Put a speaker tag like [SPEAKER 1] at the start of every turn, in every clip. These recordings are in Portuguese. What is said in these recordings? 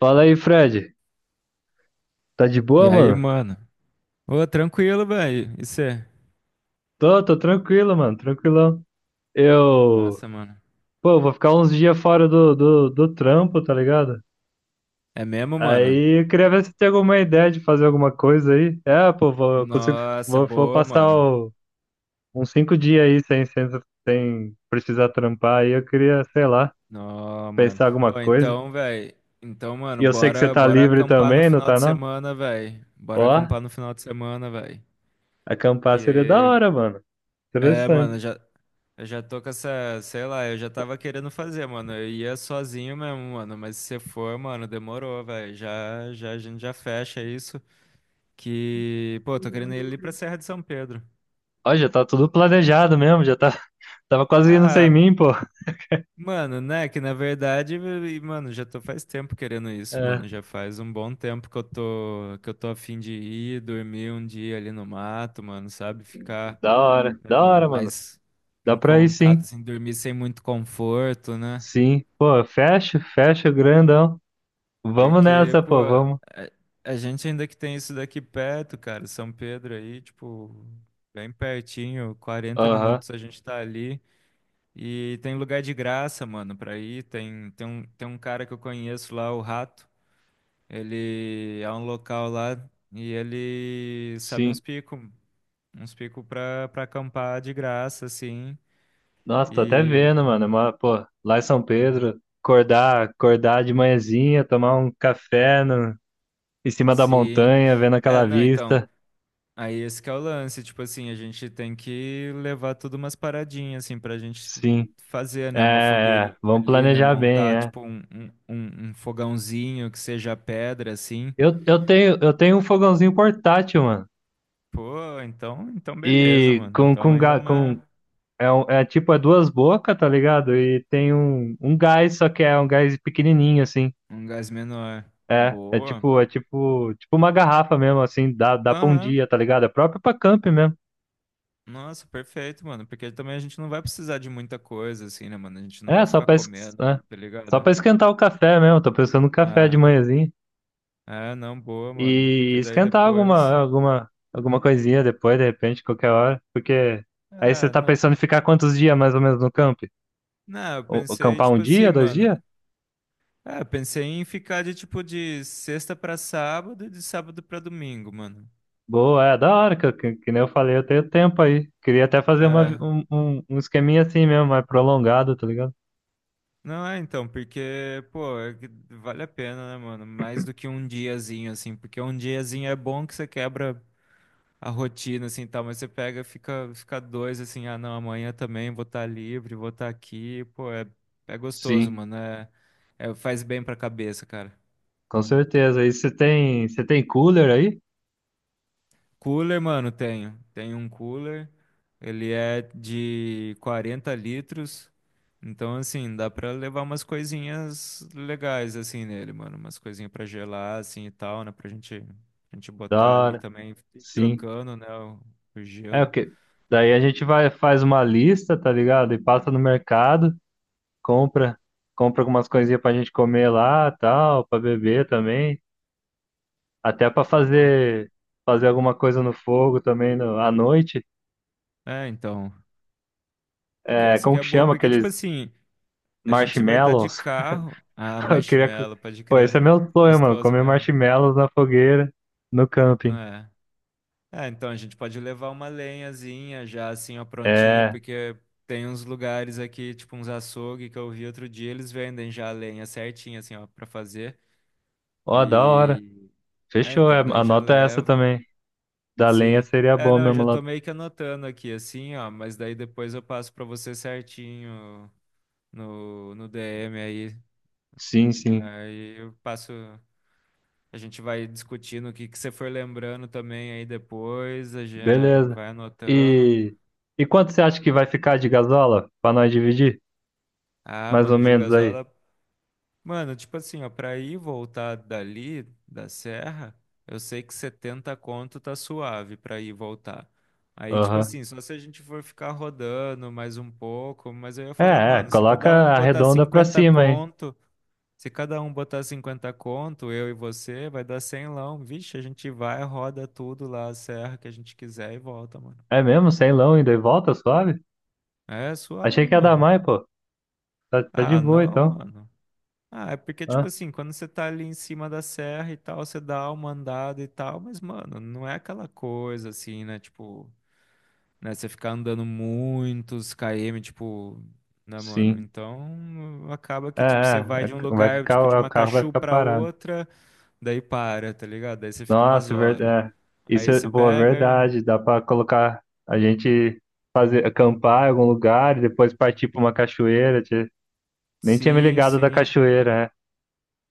[SPEAKER 1] Fala aí, Fred. Tá de
[SPEAKER 2] E
[SPEAKER 1] boa,
[SPEAKER 2] aí,
[SPEAKER 1] mano?
[SPEAKER 2] mano? Ô, tranquilo, velho. E cê?
[SPEAKER 1] Tô tranquilo, mano, tranquilão. Eu,
[SPEAKER 2] Massa, mano.
[SPEAKER 1] pô, vou ficar uns dias fora do trampo, tá ligado?
[SPEAKER 2] É mesmo, mano?
[SPEAKER 1] Aí eu queria ver se tem alguma ideia de fazer alguma coisa aí. É, pô, vou, eu consigo,
[SPEAKER 2] Nossa,
[SPEAKER 1] vou
[SPEAKER 2] boa,
[SPEAKER 1] passar
[SPEAKER 2] mano.
[SPEAKER 1] uns 5 dias aí sem precisar trampar. Aí eu queria, sei lá,
[SPEAKER 2] Nó, mano.
[SPEAKER 1] pensar alguma
[SPEAKER 2] Ô,
[SPEAKER 1] coisa.
[SPEAKER 2] então, velho. Então, mano,
[SPEAKER 1] E eu sei que você
[SPEAKER 2] bora,
[SPEAKER 1] tá
[SPEAKER 2] bora
[SPEAKER 1] livre
[SPEAKER 2] acampar no
[SPEAKER 1] também, não
[SPEAKER 2] final
[SPEAKER 1] tá
[SPEAKER 2] de
[SPEAKER 1] não?
[SPEAKER 2] semana, velho.
[SPEAKER 1] Ó,
[SPEAKER 2] Bora acampar no final de semana, velho.
[SPEAKER 1] acampar seria da
[SPEAKER 2] Que.
[SPEAKER 1] hora, mano.
[SPEAKER 2] É, mano,
[SPEAKER 1] Interessante.
[SPEAKER 2] já, eu já tô com essa. Sei lá, eu já tava querendo fazer, mano. Eu ia sozinho mesmo, mano. Mas se você for, mano, demorou, velho. Já, a gente já fecha isso. Que. Pô, tô querendo ir ali pra Serra de São Pedro.
[SPEAKER 1] Ó, já tá tudo planejado mesmo, já tá Tava quase indo sem
[SPEAKER 2] Ah,
[SPEAKER 1] mim, pô.
[SPEAKER 2] mano, né? Que na verdade, e, mano, já tô faz tempo querendo isso,
[SPEAKER 1] É,
[SPEAKER 2] mano. Já faz um bom tempo que eu tô a fim de ir dormir um dia ali no mato, mano, sabe? Ficar, né,
[SPEAKER 1] da
[SPEAKER 2] mano,
[SPEAKER 1] hora, mano.
[SPEAKER 2] mais
[SPEAKER 1] Dá
[SPEAKER 2] em
[SPEAKER 1] pra ir
[SPEAKER 2] contato,
[SPEAKER 1] sim.
[SPEAKER 2] assim, dormir sem muito conforto, né?
[SPEAKER 1] Sim. Pô, fecha, fecha, grandão. Vamos
[SPEAKER 2] Porque,
[SPEAKER 1] nessa,
[SPEAKER 2] pô,
[SPEAKER 1] pô, vamos.
[SPEAKER 2] a gente ainda que tem isso daqui perto, cara, São Pedro aí, tipo, bem pertinho, quarenta
[SPEAKER 1] Aham,
[SPEAKER 2] minutos a gente tá ali. E tem lugar de graça, mano, pra ir. Tem, tem um cara que eu conheço lá, o Rato. Ele é um local lá e ele sabe
[SPEAKER 1] sim.
[SPEAKER 2] uns picos pra, pra acampar de graça, assim.
[SPEAKER 1] Nossa, tô até
[SPEAKER 2] E
[SPEAKER 1] vendo, mano. Mas, pô, lá em São Pedro, acordar, acordar de manhãzinha, tomar um café no, em cima da
[SPEAKER 2] sim.
[SPEAKER 1] montanha, vendo
[SPEAKER 2] É,
[SPEAKER 1] aquela
[SPEAKER 2] não, então.
[SPEAKER 1] vista.
[SPEAKER 2] Aí esse que é o lance, tipo assim, a gente tem que levar tudo umas paradinhas, assim, pra gente
[SPEAKER 1] Sim.
[SPEAKER 2] fazer, né? Uma
[SPEAKER 1] É,
[SPEAKER 2] fogueirinha
[SPEAKER 1] é, vamos
[SPEAKER 2] ali, né?
[SPEAKER 1] planejar bem,
[SPEAKER 2] Montar,
[SPEAKER 1] é.
[SPEAKER 2] tipo, um fogãozinho que seja pedra, assim.
[SPEAKER 1] Eu, eu tenho um fogãozinho portátil, mano.
[SPEAKER 2] Pô, então, então beleza,
[SPEAKER 1] E
[SPEAKER 2] mano. Então
[SPEAKER 1] com,
[SPEAKER 2] ainda
[SPEAKER 1] ga- com
[SPEAKER 2] uma,
[SPEAKER 1] É, um- é tipo duas bocas, tá ligado? E tem um gás, só que é um gás pequenininho, assim.
[SPEAKER 2] um gás menor.
[SPEAKER 1] É, é
[SPEAKER 2] Boa.
[SPEAKER 1] tipo, é tipo, tipo uma garrafa mesmo, assim, dá pra
[SPEAKER 2] Não,
[SPEAKER 1] um
[SPEAKER 2] é.
[SPEAKER 1] dia, tá ligado? É próprio pra camp mesmo.
[SPEAKER 2] Nossa, perfeito, mano. Porque também a gente não vai precisar de muita coisa, assim, né, mano? A gente não
[SPEAKER 1] É,
[SPEAKER 2] vai
[SPEAKER 1] só
[SPEAKER 2] ficar
[SPEAKER 1] pra, es- é,
[SPEAKER 2] comendo, tá
[SPEAKER 1] só
[SPEAKER 2] ligado?
[SPEAKER 1] pra esquentar o café mesmo. Tô pensando no café de
[SPEAKER 2] É,
[SPEAKER 1] manhãzinha.
[SPEAKER 2] é, não, boa, mano.
[SPEAKER 1] E
[SPEAKER 2] Porque daí
[SPEAKER 1] esquentar alguma,
[SPEAKER 2] depois.
[SPEAKER 1] alguma, alguma coisinha depois, de repente, qualquer hora. Porque aí você
[SPEAKER 2] É,
[SPEAKER 1] tá
[SPEAKER 2] não.
[SPEAKER 1] pensando em ficar quantos dias mais ou menos no camp?
[SPEAKER 2] Não, eu
[SPEAKER 1] O, o-
[SPEAKER 2] pensei,
[SPEAKER 1] campar um
[SPEAKER 2] tipo assim,
[SPEAKER 1] dia, dois
[SPEAKER 2] mano.
[SPEAKER 1] dias?
[SPEAKER 2] É, eu pensei em ficar de tipo de sexta pra sábado e de sábado pra domingo, mano.
[SPEAKER 1] Boa, é da hora, que, que nem eu falei, eu tenho tempo aí. Queria até fazer uma, vi-
[SPEAKER 2] É.
[SPEAKER 1] um esqueminha assim mesmo, mais prolongado, tá ligado?
[SPEAKER 2] Não é, então, porque, pô, é que vale a pena, né, mano? Mais do que um diazinho, assim, porque um diazinho é bom que você quebra a rotina, assim, tal, mas você pega, fica, fica dois, assim, ah, não, amanhã também vou estar livre, vou estar aqui, pô, é, é gostoso,
[SPEAKER 1] Sim,
[SPEAKER 2] mano, é, é- faz bem pra cabeça, cara.
[SPEAKER 1] com certeza. E você tem cooler aí?
[SPEAKER 2] Cooler, mano, tenho. Tenho um cooler. Ele é de 40 litros. Então, assim, dá pra levar umas coisinhas legais, assim, nele, mano. Umas coisinhas pra gelar, assim, e tal, né? Pra gente
[SPEAKER 1] Da
[SPEAKER 2] botar ali
[SPEAKER 1] hora.
[SPEAKER 2] também,
[SPEAKER 1] Sim.
[SPEAKER 2] trocando, né? O
[SPEAKER 1] É o
[SPEAKER 2] gelo.
[SPEAKER 1] que. Daí a gente vai, faz uma lista, tá ligado? E passa no mercado, compra, compra algumas coisinhas pra gente comer lá, tal, pra beber também, até pra
[SPEAKER 2] Boa.
[SPEAKER 1] fazer alguma coisa no fogo também no, à noite.
[SPEAKER 2] É, então. É que
[SPEAKER 1] É,
[SPEAKER 2] essa aqui
[SPEAKER 1] como
[SPEAKER 2] é
[SPEAKER 1] que
[SPEAKER 2] boa,
[SPEAKER 1] chama
[SPEAKER 2] porque, tipo
[SPEAKER 1] aqueles
[SPEAKER 2] assim, a gente vai estar de
[SPEAKER 1] marshmallows?
[SPEAKER 2] carro. Ah,
[SPEAKER 1] Eu queria. co-
[SPEAKER 2] marshmallow, pode
[SPEAKER 1] Pô, esse
[SPEAKER 2] crer.
[SPEAKER 1] é meu
[SPEAKER 2] É
[SPEAKER 1] sonho, mano.
[SPEAKER 2] gostoso
[SPEAKER 1] Comer
[SPEAKER 2] mesmo.
[SPEAKER 1] marshmallows na fogueira, no camping.
[SPEAKER 2] É. É, então a gente pode levar uma lenhazinha já assim, ó, prontinha,
[SPEAKER 1] É.
[SPEAKER 2] porque tem uns lugares aqui, tipo uns açougue que eu vi outro dia, eles vendem já a lenha certinha, assim, ó, pra fazer.
[SPEAKER 1] Ó, da hora.
[SPEAKER 2] E. É,
[SPEAKER 1] Fechou. É,
[SPEAKER 2] então daí já
[SPEAKER 1] anota essa
[SPEAKER 2] leva.
[SPEAKER 1] também. Da lenha
[SPEAKER 2] Sim.
[SPEAKER 1] seria
[SPEAKER 2] É,
[SPEAKER 1] bom
[SPEAKER 2] não, eu
[SPEAKER 1] mesmo
[SPEAKER 2] já
[SPEAKER 1] lá.
[SPEAKER 2] tô meio que anotando aqui, assim, ó, mas daí depois eu passo pra você certinho no DM aí.
[SPEAKER 1] Sim, sim.
[SPEAKER 2] Aí eu passo. A gente vai discutindo o que que você for lembrando também aí depois, a gente
[SPEAKER 1] Beleza.
[SPEAKER 2] vai anotando.
[SPEAKER 1] E. E quanto você acha que vai ficar de gasola? Pra nós dividir?
[SPEAKER 2] Ah,
[SPEAKER 1] Mais ou
[SPEAKER 2] mano, de
[SPEAKER 1] menos aí.
[SPEAKER 2] gasola. Mano, tipo assim, ó, pra ir e voltar dali, da serra, eu sei que 70 conto tá suave pra ir e voltar. Aí, tipo
[SPEAKER 1] Aham.
[SPEAKER 2] assim, só se a gente for ficar rodando mais um pouco, mas eu ia falar,
[SPEAKER 1] É, é.
[SPEAKER 2] mano, se
[SPEAKER 1] Coloca
[SPEAKER 2] cada um
[SPEAKER 1] a
[SPEAKER 2] botar
[SPEAKER 1] redonda pra
[SPEAKER 2] 50
[SPEAKER 1] cima aí.
[SPEAKER 2] conto, se cada um botar 50 conto, eu e você, vai dar 100 lão. Vixe, a gente vai, roda tudo lá, a serra que a gente quiser e volta, mano.
[SPEAKER 1] É mesmo? Sem lão ainda e volta, suave?
[SPEAKER 2] É
[SPEAKER 1] Achei
[SPEAKER 2] suave,
[SPEAKER 1] que ia dar
[SPEAKER 2] mano.
[SPEAKER 1] mais, pô. Tá de
[SPEAKER 2] Ah,
[SPEAKER 1] boa
[SPEAKER 2] não,
[SPEAKER 1] então.
[SPEAKER 2] mano. Ah, é porque, tipo
[SPEAKER 1] Ah,
[SPEAKER 2] assim, quando você tá ali em cima da serra e tal, você dá uma andada e tal, mas, mano, não é aquela coisa assim, né? Tipo, né? Você ficar andando muitos km, tipo, né, mano?
[SPEAKER 1] sim.
[SPEAKER 2] Então, acaba
[SPEAKER 1] É,
[SPEAKER 2] que,
[SPEAKER 1] é,
[SPEAKER 2] tipo, você vai
[SPEAKER 1] é,
[SPEAKER 2] de um lugar, tipo, de
[SPEAKER 1] o carro vai
[SPEAKER 2] Macachu
[SPEAKER 1] ficar
[SPEAKER 2] pra
[SPEAKER 1] parado.
[SPEAKER 2] outra, daí para, tá ligado? Daí você fica umas
[SPEAKER 1] Nossa,
[SPEAKER 2] horas.
[SPEAKER 1] é, isso
[SPEAKER 2] Aí
[SPEAKER 1] é
[SPEAKER 2] você
[SPEAKER 1] boa
[SPEAKER 2] pega,
[SPEAKER 1] verdade. Dá pra colocar a gente fazer acampar em algum lugar e depois partir pra uma cachoeira. Tchê. Nem tinha me
[SPEAKER 2] sim,
[SPEAKER 1] ligado da
[SPEAKER 2] sim.
[SPEAKER 1] cachoeira, é.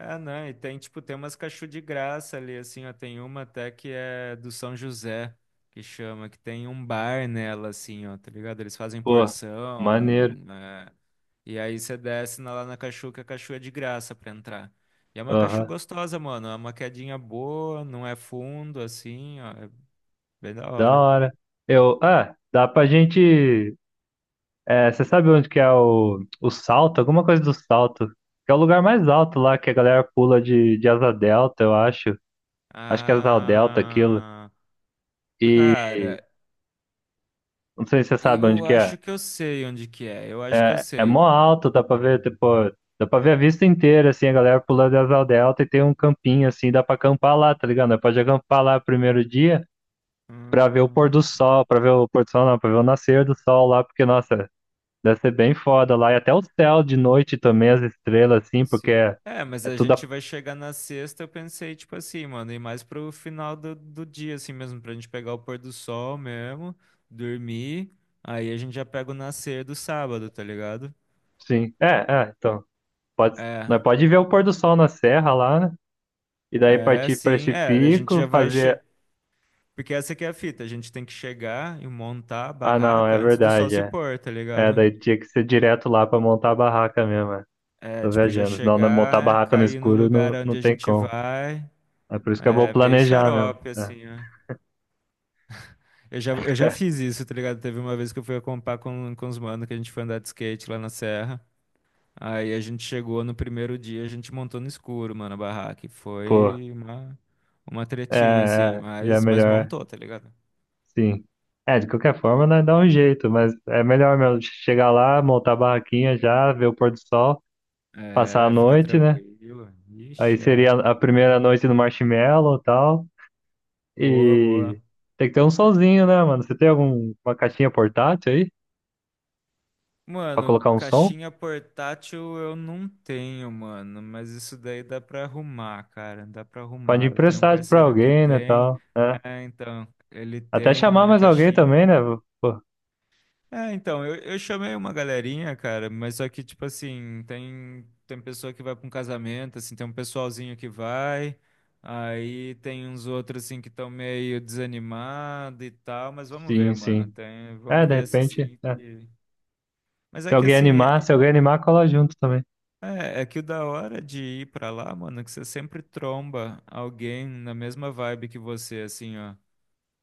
[SPEAKER 2] É, não, e tem, tipo, tem umas cachorro de graça ali, assim, ó, tem uma até que é do São José, que chama, que tem um bar nela, assim, ó, tá ligado? Eles fazem
[SPEAKER 1] Pô,
[SPEAKER 2] porção,
[SPEAKER 1] maneiro.
[SPEAKER 2] né? E aí você desce na- lá na cachu, que a cachu é de graça pra entrar. E é uma cachu
[SPEAKER 1] Aham,
[SPEAKER 2] gostosa, mano, é uma quedinha boa, não é fundo, assim, ó, é bem da
[SPEAKER 1] da
[SPEAKER 2] hora.
[SPEAKER 1] hora. Dá pra gente. É, você sabe onde que é o salto? Alguma coisa do salto. Que é o lugar mais alto lá que a galera pula de asa delta, eu acho. Acho que é asa delta aquilo.
[SPEAKER 2] Ah, cara,
[SPEAKER 1] Não sei se você sabe onde
[SPEAKER 2] eu
[SPEAKER 1] que é.
[SPEAKER 2] acho que eu sei onde que é, eu acho que eu
[SPEAKER 1] É
[SPEAKER 2] sei.
[SPEAKER 1] mó alto, dá pra ver a vista inteira, assim, a galera pulando de asa delta e tem um campinho, assim, dá pra acampar lá, tá ligado? Nós pode acampar lá primeiro dia pra ver o pôr
[SPEAKER 2] Hum,
[SPEAKER 1] do sol, pra ver o pôr do sol, não, pra ver o nascer do sol lá, porque, nossa, deve ser bem foda lá. E até o céu de noite também, as estrelas, assim, porque
[SPEAKER 2] Sim.
[SPEAKER 1] é,
[SPEAKER 2] É, mas
[SPEAKER 1] é
[SPEAKER 2] a
[SPEAKER 1] tudo,
[SPEAKER 2] gente vai chegar na sexta, eu pensei, tipo assim, mano, e mais pro final do, do dia, assim mesmo, pra gente pegar o pôr do sol mesmo, dormir, aí a gente já pega o nascer do sábado, tá ligado?
[SPEAKER 1] assim, então, pode,
[SPEAKER 2] É,
[SPEAKER 1] nós pode ver o pôr do sol na serra lá, né? E daí
[SPEAKER 2] é,
[SPEAKER 1] partir pra
[SPEAKER 2] sim,
[SPEAKER 1] esse
[SPEAKER 2] é, a gente
[SPEAKER 1] pico,
[SPEAKER 2] já vai, che...
[SPEAKER 1] fazer.
[SPEAKER 2] porque essa aqui é a fita, a gente tem que chegar e montar a
[SPEAKER 1] Ah, não, é
[SPEAKER 2] barraca antes do sol
[SPEAKER 1] verdade.
[SPEAKER 2] se
[SPEAKER 1] É.
[SPEAKER 2] pôr, tá
[SPEAKER 1] É,
[SPEAKER 2] ligado?
[SPEAKER 1] daí tinha que ser direto lá pra montar a barraca mesmo. É.
[SPEAKER 2] É,
[SPEAKER 1] Tô
[SPEAKER 2] tipo, já
[SPEAKER 1] viajando. Senão né, montar a
[SPEAKER 2] chegar,
[SPEAKER 1] barraca no
[SPEAKER 2] cair no
[SPEAKER 1] escuro
[SPEAKER 2] lugar
[SPEAKER 1] não,
[SPEAKER 2] onde
[SPEAKER 1] não
[SPEAKER 2] a
[SPEAKER 1] tem
[SPEAKER 2] gente
[SPEAKER 1] como.
[SPEAKER 2] vai,
[SPEAKER 1] É por isso que é bom
[SPEAKER 2] é meio
[SPEAKER 1] planejar mesmo.
[SPEAKER 2] xarope,
[SPEAKER 1] É,
[SPEAKER 2] assim, né? Eu já fiz isso, tá ligado? Teve uma vez que eu fui acampar com os manos, que a gente foi andar de skate lá na serra. Aí a gente chegou no primeiro dia, a gente montou no escuro, mano, a barraca. E
[SPEAKER 1] pô,
[SPEAKER 2] foi uma
[SPEAKER 1] é,
[SPEAKER 2] tretinha, assim,
[SPEAKER 1] já é
[SPEAKER 2] mas
[SPEAKER 1] melhor,
[SPEAKER 2] montou, tá ligado?
[SPEAKER 1] sim. É, de qualquer forma, nós dá um jeito, mas é melhor mesmo chegar lá, montar a barraquinha já, ver o pôr do sol, passar a
[SPEAKER 2] É, fica
[SPEAKER 1] noite, né?
[SPEAKER 2] tranquilo.
[SPEAKER 1] Aí
[SPEAKER 2] Ixi,
[SPEAKER 1] seria
[SPEAKER 2] é.
[SPEAKER 1] a primeira noite no marshmallow e tal.
[SPEAKER 2] Boa,
[SPEAKER 1] E
[SPEAKER 2] boa.
[SPEAKER 1] tem que ter um solzinho, né, mano? Você tem alguma caixinha portátil aí pra
[SPEAKER 2] Mano,
[SPEAKER 1] colocar um som?
[SPEAKER 2] caixinha portátil eu não tenho, mano, mas isso daí dá pra arrumar, cara, dá pra
[SPEAKER 1] Pode
[SPEAKER 2] arrumar. Eu tenho um
[SPEAKER 1] emprestar pra
[SPEAKER 2] parceiro que
[SPEAKER 1] alguém, né,
[SPEAKER 2] tem,
[SPEAKER 1] tal. É.
[SPEAKER 2] é, então, ele
[SPEAKER 1] Até chamar
[SPEAKER 2] tem a
[SPEAKER 1] mais alguém também,
[SPEAKER 2] caixinha.
[SPEAKER 1] né? Pô,
[SPEAKER 2] É, então, eu chamei uma galerinha, cara, mas só que, tipo assim, tem, tem pessoa que vai pra um casamento, assim, tem um pessoalzinho que vai, aí tem uns outros, assim, que estão meio desanimado e tal, mas vamos
[SPEAKER 1] sim,
[SPEAKER 2] ver, mano,
[SPEAKER 1] sim.
[SPEAKER 2] tem,
[SPEAKER 1] É,
[SPEAKER 2] vamos
[SPEAKER 1] de
[SPEAKER 2] ver se,
[SPEAKER 1] repente,
[SPEAKER 2] assim...
[SPEAKER 1] é.
[SPEAKER 2] que- Mas
[SPEAKER 1] Se
[SPEAKER 2] é que,
[SPEAKER 1] alguém
[SPEAKER 2] assim,
[SPEAKER 1] animar,
[SPEAKER 2] é,
[SPEAKER 1] se alguém animar, cola junto também.
[SPEAKER 2] é, é que o da hora de ir pra lá, mano, é que você sempre tromba alguém na mesma vibe que você, assim, ó.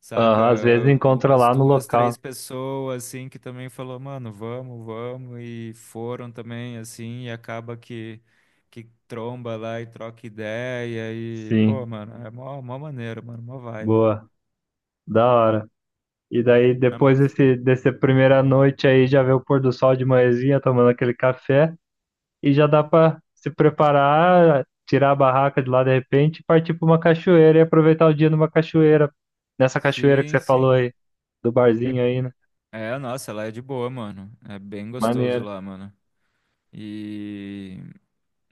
[SPEAKER 2] Saca?
[SPEAKER 1] Aham, às vezes encontra
[SPEAKER 2] Umas
[SPEAKER 1] lá no
[SPEAKER 2] duas, três
[SPEAKER 1] local.
[SPEAKER 2] pessoas, assim, que também falou, mano, vamos, vamos, e foram também, assim, e acaba que tromba lá e troca ideia, e, pô,
[SPEAKER 1] Sim,
[SPEAKER 2] mano, é mó, mó maneiro, mano, mó vibe.
[SPEAKER 1] boa, da hora. E daí,
[SPEAKER 2] Ah,
[SPEAKER 1] depois
[SPEAKER 2] mas-
[SPEAKER 1] desse, dessa primeira noite aí, já vê o pôr do sol de manhãzinha, tomando aquele café, e já dá pra se preparar, tirar a barraca de lá de repente, e partir pra uma cachoeira e aproveitar o dia numa cachoeira, nessa cachoeira que
[SPEAKER 2] Sim,
[SPEAKER 1] você falou
[SPEAKER 2] sim.
[SPEAKER 1] aí, do barzinho aí, né?
[SPEAKER 2] É, nossa, lá é de boa, mano. É bem gostoso
[SPEAKER 1] Maneiro,
[SPEAKER 2] lá, mano. E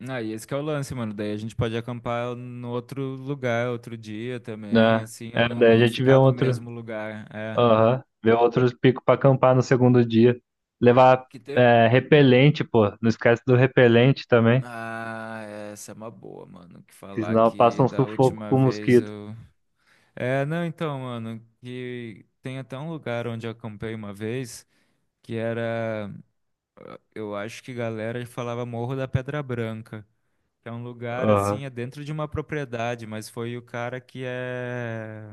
[SPEAKER 2] aí, esse que é o lance, mano. Daí a gente pode acampar no outro lugar, outro dia também,
[SPEAKER 1] né?
[SPEAKER 2] assim, ó,
[SPEAKER 1] É,
[SPEAKER 2] não,
[SPEAKER 1] daí a
[SPEAKER 2] não
[SPEAKER 1] gente vê
[SPEAKER 2] ficar no
[SPEAKER 1] outro,
[SPEAKER 2] mesmo lugar. É.
[SPEAKER 1] aham, vê outros picos pra acampar no segundo dia. Levar
[SPEAKER 2] Que teve,
[SPEAKER 1] repelente, pô, não esquece do repelente também,
[SPEAKER 2] ah, essa é uma boa, mano. Que
[SPEAKER 1] que
[SPEAKER 2] falar
[SPEAKER 1] senão passa
[SPEAKER 2] que
[SPEAKER 1] um
[SPEAKER 2] da
[SPEAKER 1] sufoco
[SPEAKER 2] última
[SPEAKER 1] com
[SPEAKER 2] vez
[SPEAKER 1] mosquito.
[SPEAKER 2] eu. É, não, então, mano, que tem até um lugar onde eu acampei uma vez que era. Eu acho que galera falava Morro da Pedra Branca. Que é um lugar
[SPEAKER 1] Aham,
[SPEAKER 2] assim, é dentro de uma propriedade, mas foi o cara que é.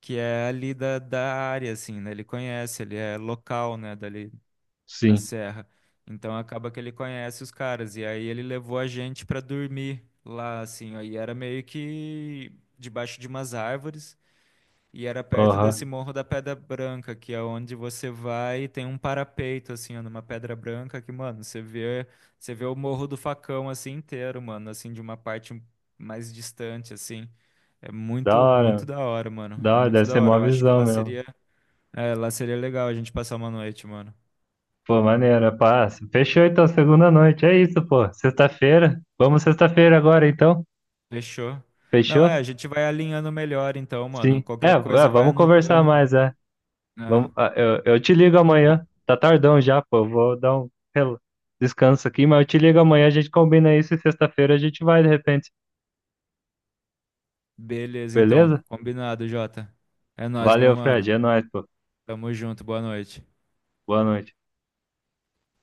[SPEAKER 2] Que é ali da, da área, assim, né? Ele conhece, ele é local, né? Dali. Da
[SPEAKER 1] sim,
[SPEAKER 2] serra. Então acaba que ele conhece os caras e aí ele levou a gente pra dormir lá assim, ó, e era meio que debaixo de umas árvores e era perto desse
[SPEAKER 1] aham.
[SPEAKER 2] Morro da Pedra Branca, que é onde você vai e tem um parapeito assim, ó, numa pedra branca que, mano, você vê o Morro do Facão assim inteiro, mano, assim de uma parte mais distante assim. É
[SPEAKER 1] Da
[SPEAKER 2] muito, muito
[SPEAKER 1] hora,
[SPEAKER 2] da hora, mano.
[SPEAKER 1] da
[SPEAKER 2] É
[SPEAKER 1] hora,
[SPEAKER 2] muito
[SPEAKER 1] deve
[SPEAKER 2] da
[SPEAKER 1] ser
[SPEAKER 2] hora.
[SPEAKER 1] mó
[SPEAKER 2] Eu acho que
[SPEAKER 1] visão
[SPEAKER 2] lá
[SPEAKER 1] mesmo.
[SPEAKER 2] seria, é, lá seria legal a gente passar uma noite, mano.
[SPEAKER 1] Pô, maneiro, passa. Fechou então, segunda noite, é isso, pô, sexta-feira. Vamos sexta-feira agora então,
[SPEAKER 2] Fechou. Não, é,
[SPEAKER 1] fechou?
[SPEAKER 2] a gente vai alinhando melhor então,
[SPEAKER 1] Sim,
[SPEAKER 2] mano. Qualquer coisa vai
[SPEAKER 1] vamos conversar
[SPEAKER 2] anotando,
[SPEAKER 1] mais, é.
[SPEAKER 2] né?
[SPEAKER 1] Vamos, ah, eu te ligo amanhã. Tá tardão já, pô. Eu vou dar um descanso aqui, mas eu te ligo amanhã. A gente combina isso e sexta-feira a gente vai de repente.
[SPEAKER 2] Beleza, então.
[SPEAKER 1] Beleza?
[SPEAKER 2] Combinado, Jota. É nóis, meu
[SPEAKER 1] Valeu, Fred.
[SPEAKER 2] mano.
[SPEAKER 1] É nóis, pô.
[SPEAKER 2] Tamo junto, boa noite.
[SPEAKER 1] Boa noite.